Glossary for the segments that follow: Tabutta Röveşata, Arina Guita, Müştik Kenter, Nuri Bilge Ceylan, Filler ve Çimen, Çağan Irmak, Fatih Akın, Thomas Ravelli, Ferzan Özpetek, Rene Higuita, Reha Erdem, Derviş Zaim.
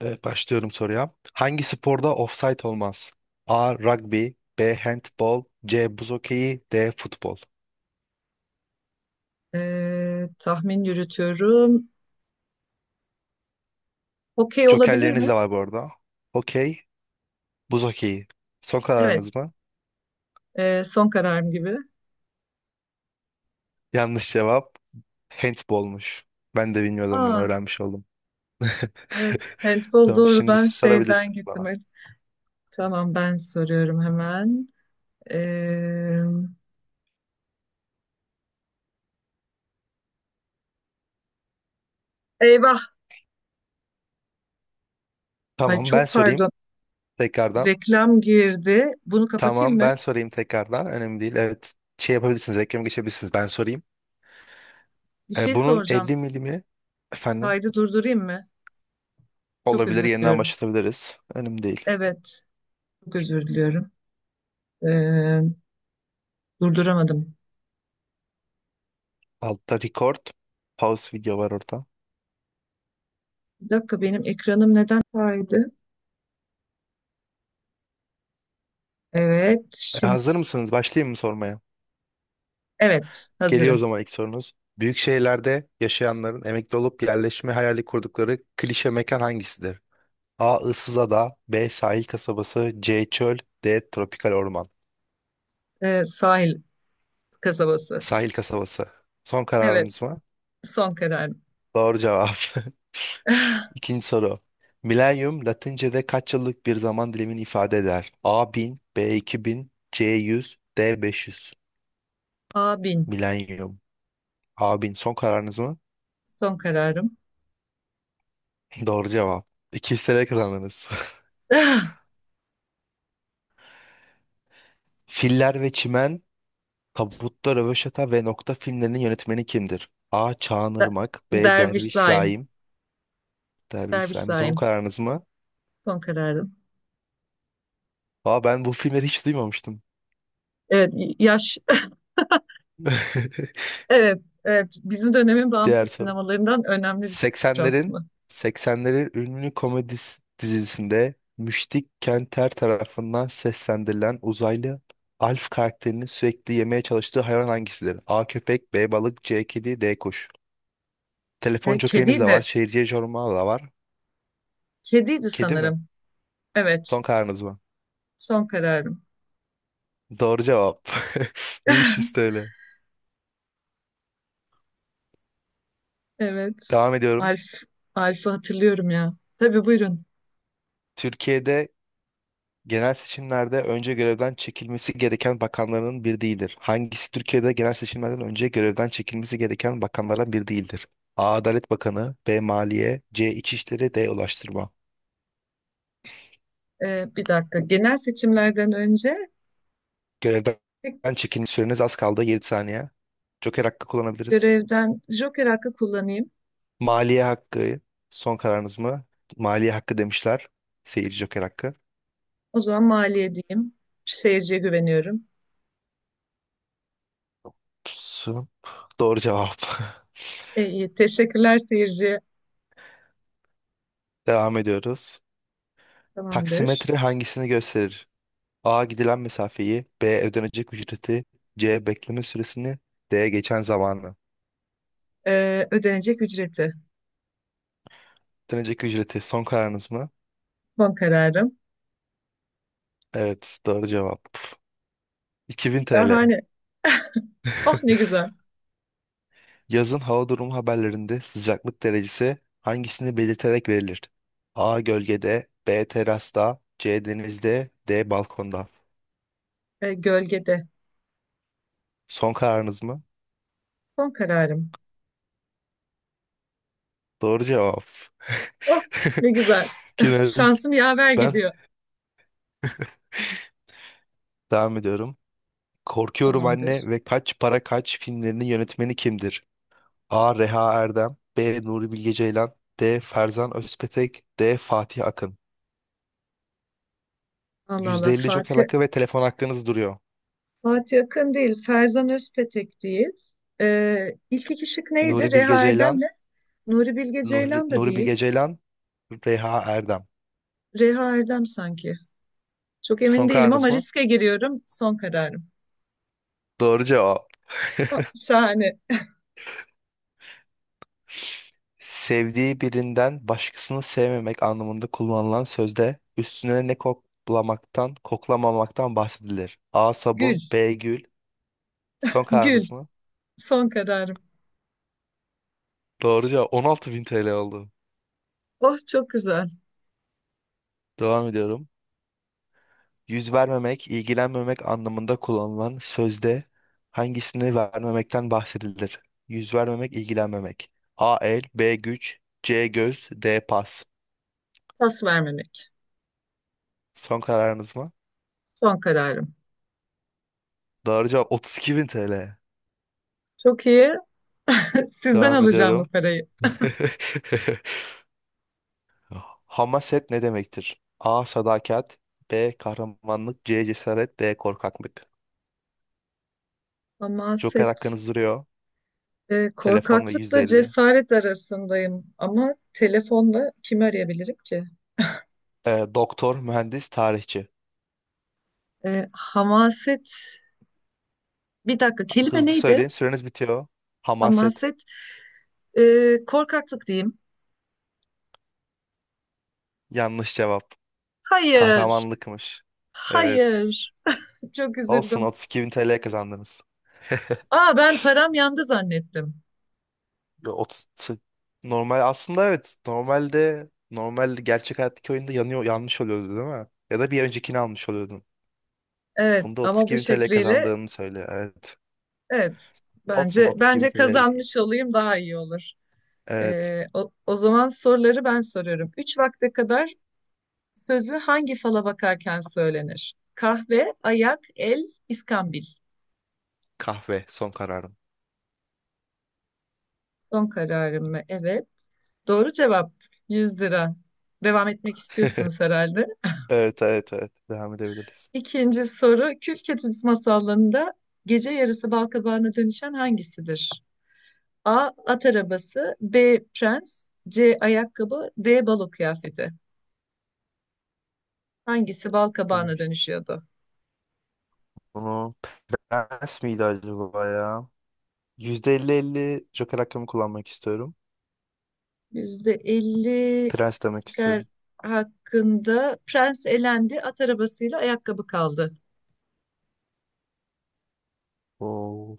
Evet, başlıyorum soruya. Hangi sporda ofsayt olmaz? A. Rugby, B. Handball, C. Buz hokeyi, D. Futbol. Tahmin yürütüyorum. Okey olabilir Jokerleriniz mi? de var bu arada. Okey, buz hokeyi. Son Evet. kararınız mı? Son kararım gibi. Yanlış cevap, handballmuş. Ben de bilmiyordum bunu, Aa, öğrenmiş oldum. evet. Handball Tamam, şimdi doğrudan siz şeyden sorabilirsiniz gittim. bana. Evet. Tamam, ben soruyorum hemen. Ee, Eyvah. Ay, Tamam, ben çok sorayım pardon. tekrardan. Reklam girdi. Bunu kapatayım Tamam, mı? ben sorayım tekrardan. Önemli değil. Evet, şey yapabilirsiniz, reklam geçebilirsiniz. Ben sorayım. Bir şey Bunun 50 soracağım. milimi, efendim? Kaydı durdurayım mı? Çok Olabilir, özür yeniden diliyorum. başlatabiliriz. Önemli değil. Evet. Çok özür diliyorum. Ee, Durduramadım. Altta record. Pause video var orada. Bir dakika, benim ekranım neden kaydı? Evet. Şimdi, Hazır mısınız? Başlayayım mı sormaya? evet, Geliyor o hazırım. zaman ilk sorunuz. Büyük şehirlerde yaşayanların emekli olup yerleşme hayali kurdukları klişe mekan hangisidir? A. Issızada, B. Sahil kasabası, C. Çöl, D. Tropikal orman. Evet, sahil kasabası. Sahil kasabası. Son Evet, kararınız mı? son kararım. Doğru cevap. İkinci soru. Milenyum Latince'de kaç yıllık bir zaman dilimini ifade eder? A 1000, B 2000, C 100, D 500. Abin, Milenyum. A 1000. Son kararınız mı? son kararım. Doğru cevap. 200 TL kazandınız. Filler ve Çimen, Tabutta Röveşata ve Nokta filmlerinin yönetmeni kimdir? A. Çağan Der- Irmak, B. Derviş Derviş Zaim. Zaim. Derviş Derviş Zaim son Zaim, kararınız mı? son kararım. Aa, ben bu filmleri hiç duymamıştım. Evet, yaş. Evet, evet. Bizim dönemin Diğer bağımsız soru. sinemalarından önemli bir şeydir 80'lerin aslında. 80'lerin ünlü komedi dizisinde Müştik Kenter tarafından seslendirilen uzaylı Alf karakterinin sürekli yemeye çalıştığı hayvan hangisidir? A. Köpek, B. Balık, C. Kedi, D. Kuş. Telefon E, jokeriniz de var. kediydi, Şehirciye jormalı da var. kediydi Kedi mi? sanırım. Evet, Son kararınız mı? son kararım. Doğru cevap. 500 TL. Evet, Devam ediyorum. Alf. Alf'ı hatırlıyorum ya. Tabii, buyurun. Türkiye'de genel seçimlerde önce görevden çekilmesi gereken bakanların bir değildir. Hangisi Türkiye'de genel seçimlerden önce görevden çekilmesi gereken bakanlardan bir değildir? A. Adalet Bakanı, B. Maliye, C. İçişleri, D. Ulaştırma. E, bir dakika. Genel seçimlerden önce, tek Görevden çekilme süreniz az kaldı, 7 saniye. Joker hakkı kullanabiliriz. görevden, Joker hakkı kullanayım. Maliye hakkı son kararınız mı? Maliye hakkı demişler. Seyirci Joker hakkı. O zaman maliye diyeyim. Seyirciye güveniyorum. Pusu. Doğru cevap. E, iyi. Teşekkürler seyirci. Devam ediyoruz. Tamamdır. Taksimetre hangisini gösterir? A. Gidilen mesafeyi, B. Ödenecek ücreti, C. Bekleme süresini, D. Geçen zamanı. E, ödenecek ücreti. Ödenecek ücreti son kararınız mı? Son kararım. Evet, doğru cevap. 2000 TL. Şahane. Oh, ne güzel. Yazın hava durumu haberlerinde sıcaklık derecesi hangisini belirterek verilir? A. Gölgede, B. Terasta, C. Denizde, D. Balkonda. E, gölgede. Son kararınız mı? Son kararım. Doğru cevap. Oh, ne güzel. Genel. Şansım yaver Ben gidiyor. devam ediyorum. Korkuyorum Tamamdır. Anne ve Kaç Para Kaç filmlerinin yönetmeni kimdir? A. Reha Erdem, B. Nuri Bilge Ceylan, D. Ferzan Özpetek, D. Fatih Akın. Allah Allah. %50 Joker Fatih. hakkı ve telefon hakkınız duruyor. Fatih Akın değil. Ferzan Özpetek değil. E, ilk iki şık neydi? Nuri Bilge Reha Erdem'le. Ceylan. Nuri Bilge Nuri, Ceylan da Nuri değil. Bilge Ceylan. Reha Erdem. Reha Erdem sanki. Çok emin Son değilim kararınız ama mı? riske giriyorum. Son kararım. Doğru cevap. Oh, şahane. Sevdiği birinden başkasını sevmemek anlamında kullanılan sözde üstüne ne koklamaktan, koklamamaktan bahsedilir. A. Gül, Sabun, B. Gül. Son gül. kararınız mı? Son kararım. Doğru cevap. 16.000 TL oldu. Oh, çok güzel. Devam ediyorum. Yüz vermemek, ilgilenmemek anlamında kullanılan sözde hangisini vermemekten bahsedilir? Yüz vermemek, ilgilenmemek. A el, B güç, C göz, D pas. Pas vermemek. Son kararınız mı? Son kararım. Doğru cevap. 32 bin TL. Çok iyi. Sizden Devam alacağım bu ediyorum. parayı. Hamaset ne demektir? A. Sadakat, B. Kahramanlık, C. Cesaret, D. Korkaklık. Joker Hamaset. hakkınız duruyor. E, Telefon ve korkaklıkla %50. cesaret arasındayım. Ama telefonla kimi arayabilirim ki? Doktor, mühendis, tarihçi. E, hamaset. Bir dakika, kelime Hızlı neydi? söyleyin, süreniz bitiyor. Hamaset. Hamaset. E, korkaklık diyeyim. Yanlış cevap. Hayır. Kahramanlıkmış. Evet. Hayır. Çok Olsun, üzüldüm. 32 bin TL kazandınız. Aa, ben param yandı zannettim. Yo, normal aslında, evet. Normalde normal gerçek hayattaki oyunda yanıyor, yanlış oluyordu değil mi? Ya da bir öncekini almış oluyordun. Evet, Bunda ama 32 bu bin TL şekliyle. kazandığını söyle. Evet. Evet. Olsun, Bence 32 bin bence TL de iyi. kazanmış olayım daha iyi olur. Evet. O zaman soruları ben soruyorum. Üç vakte kadar sözü hangi fala bakarken söylenir? Kahve, ayak, el, iskambil. Kahve son kararım. Son kararım mı? Evet. Doğru cevap, 100 lira. Devam etmek istiyorsunuz herhalde. Evet, evet, evet. Devam edebiliriz. İkinci soru, Kül Kedisi masallarında gece yarısı balkabağına dönüşen hangisidir? A. At arabası, B. Prens, C. Ayakkabı, D. Balo kıyafeti. Hangisi bal Bunu kabağına dönüşüyordu? bunu prens miydi acaba ya? %50-50 Joker hakkımı kullanmak istiyorum. %50 Prens demek kar istiyorum. hakkında prens elendi, at arabasıyla ayakkabı kaldı. Oo.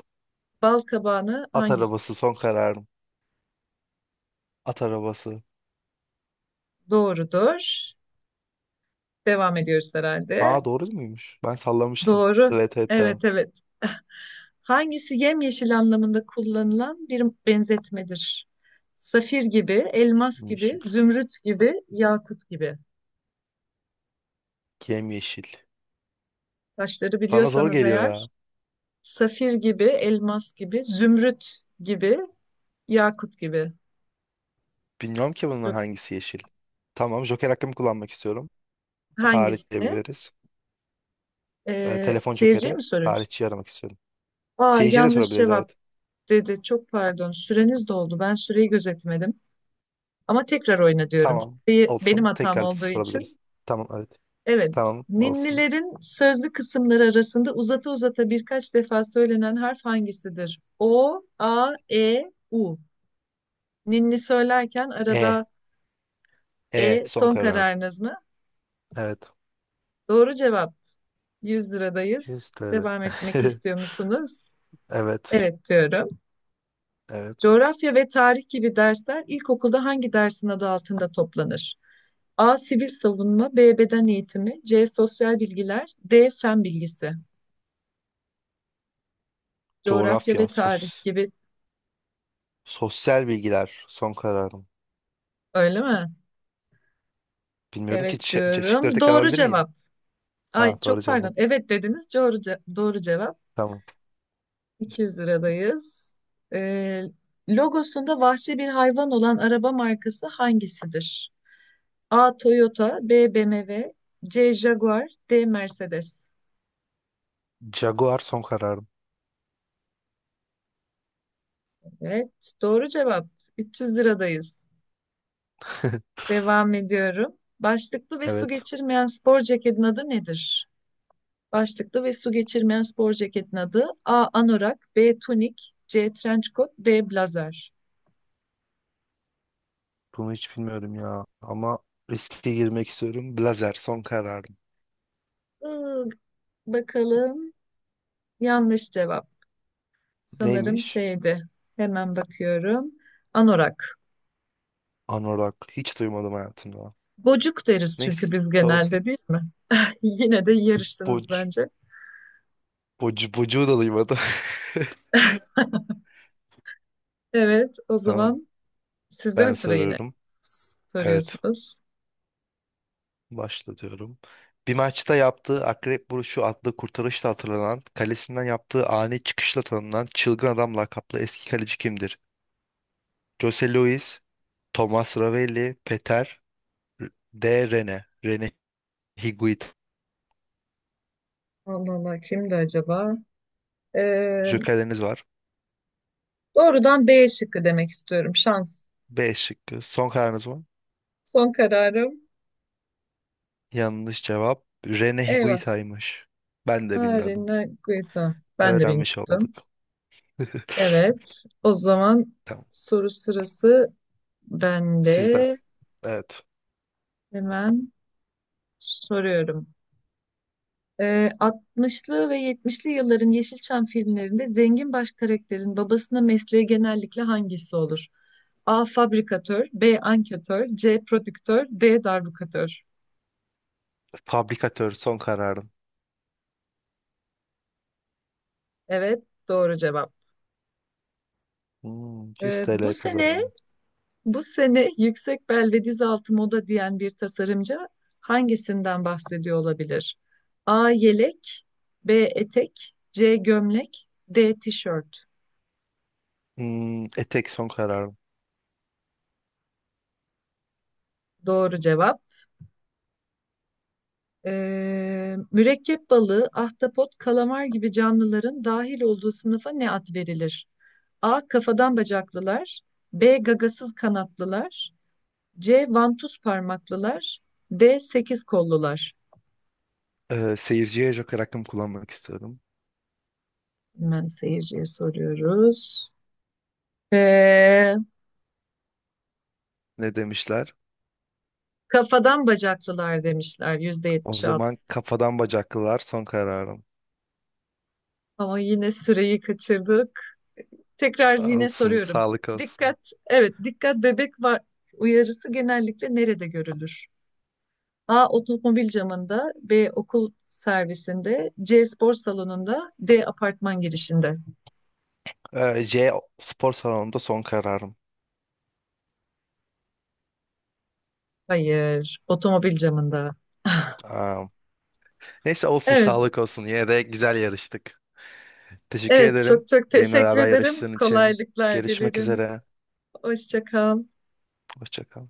Bal kabağını At hangisi? arabası son kararım. At arabası. Doğrudur. Devam ediyoruz herhalde. Ha, doğru muymuş? Ben sallamıştım. Doğru. Evet, evet, devam. Evet, evet. Hangisi yemyeşil anlamında kullanılan bir benzetmedir? Safir gibi, elmas gibi, Yeşil. zümrüt gibi, yakut gibi. Kim yeşil? Taşları Bana zor biliyorsanız geliyor eğer. ya. Safir gibi, elmas gibi, zümrüt gibi, yakut gibi. Bilmiyorum ki bunun Zü- hangisi yeşil. Tamam, Joker hakkımı kullanmak istiyorum. Tarih Hangisini? diyebiliriz. Telefon Seyirciye Joker'i. mi soruyoruz? Tarihçiyi aramak istiyorum. Aa, Seyirciye de yanlış sorabiliriz, cevap evet. dedi. Çok pardon. Süreniz doldu. Ben süreyi gözetmedim. Ama tekrar oyna diyorum. Tamam, Süreyi benim olsun. hatam Tekrar da olduğu için. sorabiliriz. Tamam, evet. Evet. Tamam, olsun. Ninnilerin sözlü kısımları arasında uzata uzata birkaç defa söylenen harf hangisidir? O, A, E, U. Ninni söylerken E. arada, E E son son kararım. kararınız mı? Evet. Doğru cevap. 100 liradayız. Yüzleri. Devam etmek istiyor musunuz? Evet. Evet diyorum. Evet. Coğrafya ve tarih gibi dersler ilkokulda hangi dersin adı altında toplanır? A. Sivil savunma, B. Beden eğitimi, C. Sosyal bilgiler, D. Fen bilgisi. Coğrafya Coğrafya. ve tarih gibi, Sosyal bilgiler son kararım. öyle mi? Bilmiyorum ki Evet şıkları diyorum. tekrar Doğru alabilir miyim? cevap. Ha, Ay, doğru çok pardon. cevap. Evet dediniz. Doğru, doğru cevap. Tamam. 200 liradayız. Ee, Logosunda vahşi bir hayvan olan araba markası hangisidir? A. Toyota, B. BMW, C. Jaguar, D. Mercedes. Jaguar son kararım. Evet, doğru cevap. 300 liradayız. Devam ediyorum. Başlıklı ve su Evet. geçirmeyen spor ceketin adı nedir? Başlıklı ve su geçirmeyen spor ceketin adı: A. Anorak, B. Tunik, C. Trençkot, D. Blazer. Bunu hiç bilmiyorum ya. Ama riske girmek istiyorum. Blazer son kararım. Iı, Bakalım. Yanlış cevap. Sanırım Neymiş? şeydi. Hemen bakıyorum. Anorak. Anorak. Hiç duymadım hayatımda. Gocuk deriz çünkü Neyse, biz olsun. genelde, değil mi? Yine de yarıştınız Boc, bence. Bocuğu da duymadım. Evet, o Tamam. zaman sizde mi Ben sıra, yine soruyorum. Evet. soruyorsunuz? Başlatıyorum. Bir maçta yaptığı akrep vuruşu adlı kurtarışla hatırlanan, kalesinden yaptığı ani çıkışla tanınan çılgın adam lakaplı eski kaleci kimdir? Jose Luis, Thomas Ravelli, Peter D. Rene, Rene Higuita. Allah Allah, kimdi acaba? Ee, Jokerleriniz var. Doğrudan B şıkkı demek istiyorum. Şans. B şıkkı. Son kararınız mı? Son kararım. Yanlış cevap. Rene Eyvah. Higuita'ymış. Ben de bilmiyordum. Arina Guita. Ben de Öğrenmiş olduk. bilmiyordum. Evet. O zaman Tamam. soru sırası Sizde. bende. Evet. Hemen soruyorum. Ee, 60'lı ve 70'li yılların Yeşilçam filmlerinde zengin baş karakterin babasına mesleği genellikle hangisi olur? A. Fabrikatör, B. Anketör, C. Prodüktör, D. Darbukatör. Fabrikatör son kararım. Evet, doğru cevap. 100 Ee, bu TL sene kazandım. bu sene yüksek bel ve diz altı moda diyen bir tasarımcı hangisinden bahsediyor olabilir? A. Yelek, B. Etek, C. Gömlek, D. Tişört. Tek son kararım. Doğru cevap. Mürekkep balığı, ahtapot, kalamar gibi canlıların dahil olduğu sınıfa ne ad verilir? A. Kafadan bacaklılar. B. Gagasız kanatlılar. C. Vantuz parmaklılar. D. Sekiz kollular. Seyirciye Joker hakkımı kullanmak istiyorum. Hemen seyirciye soruyoruz. Ee, Ne demişler? Kafadan bacaklılar demişler, yüzde O yetmiş altı. zaman kafadan bacaklılar son kararım. Ama yine süreyi kaçırdık. Tekrar yine Olsun, soruyorum. sağlık olsun. Dikkat, evet, dikkat bebek var uyarısı genellikle nerede görülür? A. Otomobil camında. B. Okul servisinde. C. Spor salonunda. D. Apartman girişinde. J spor salonunda son kararım. Hayır, otomobil camında. Aa, neyse, olsun, Evet, sağlık olsun. Yine de güzel yarıştık. Teşekkür evet, ederim. çok çok Benimle teşekkür beraber ederim. yarıştığın için. Kolaylıklar Görüşmek dilerim. üzere. Hoşça kal. Hoşça kal.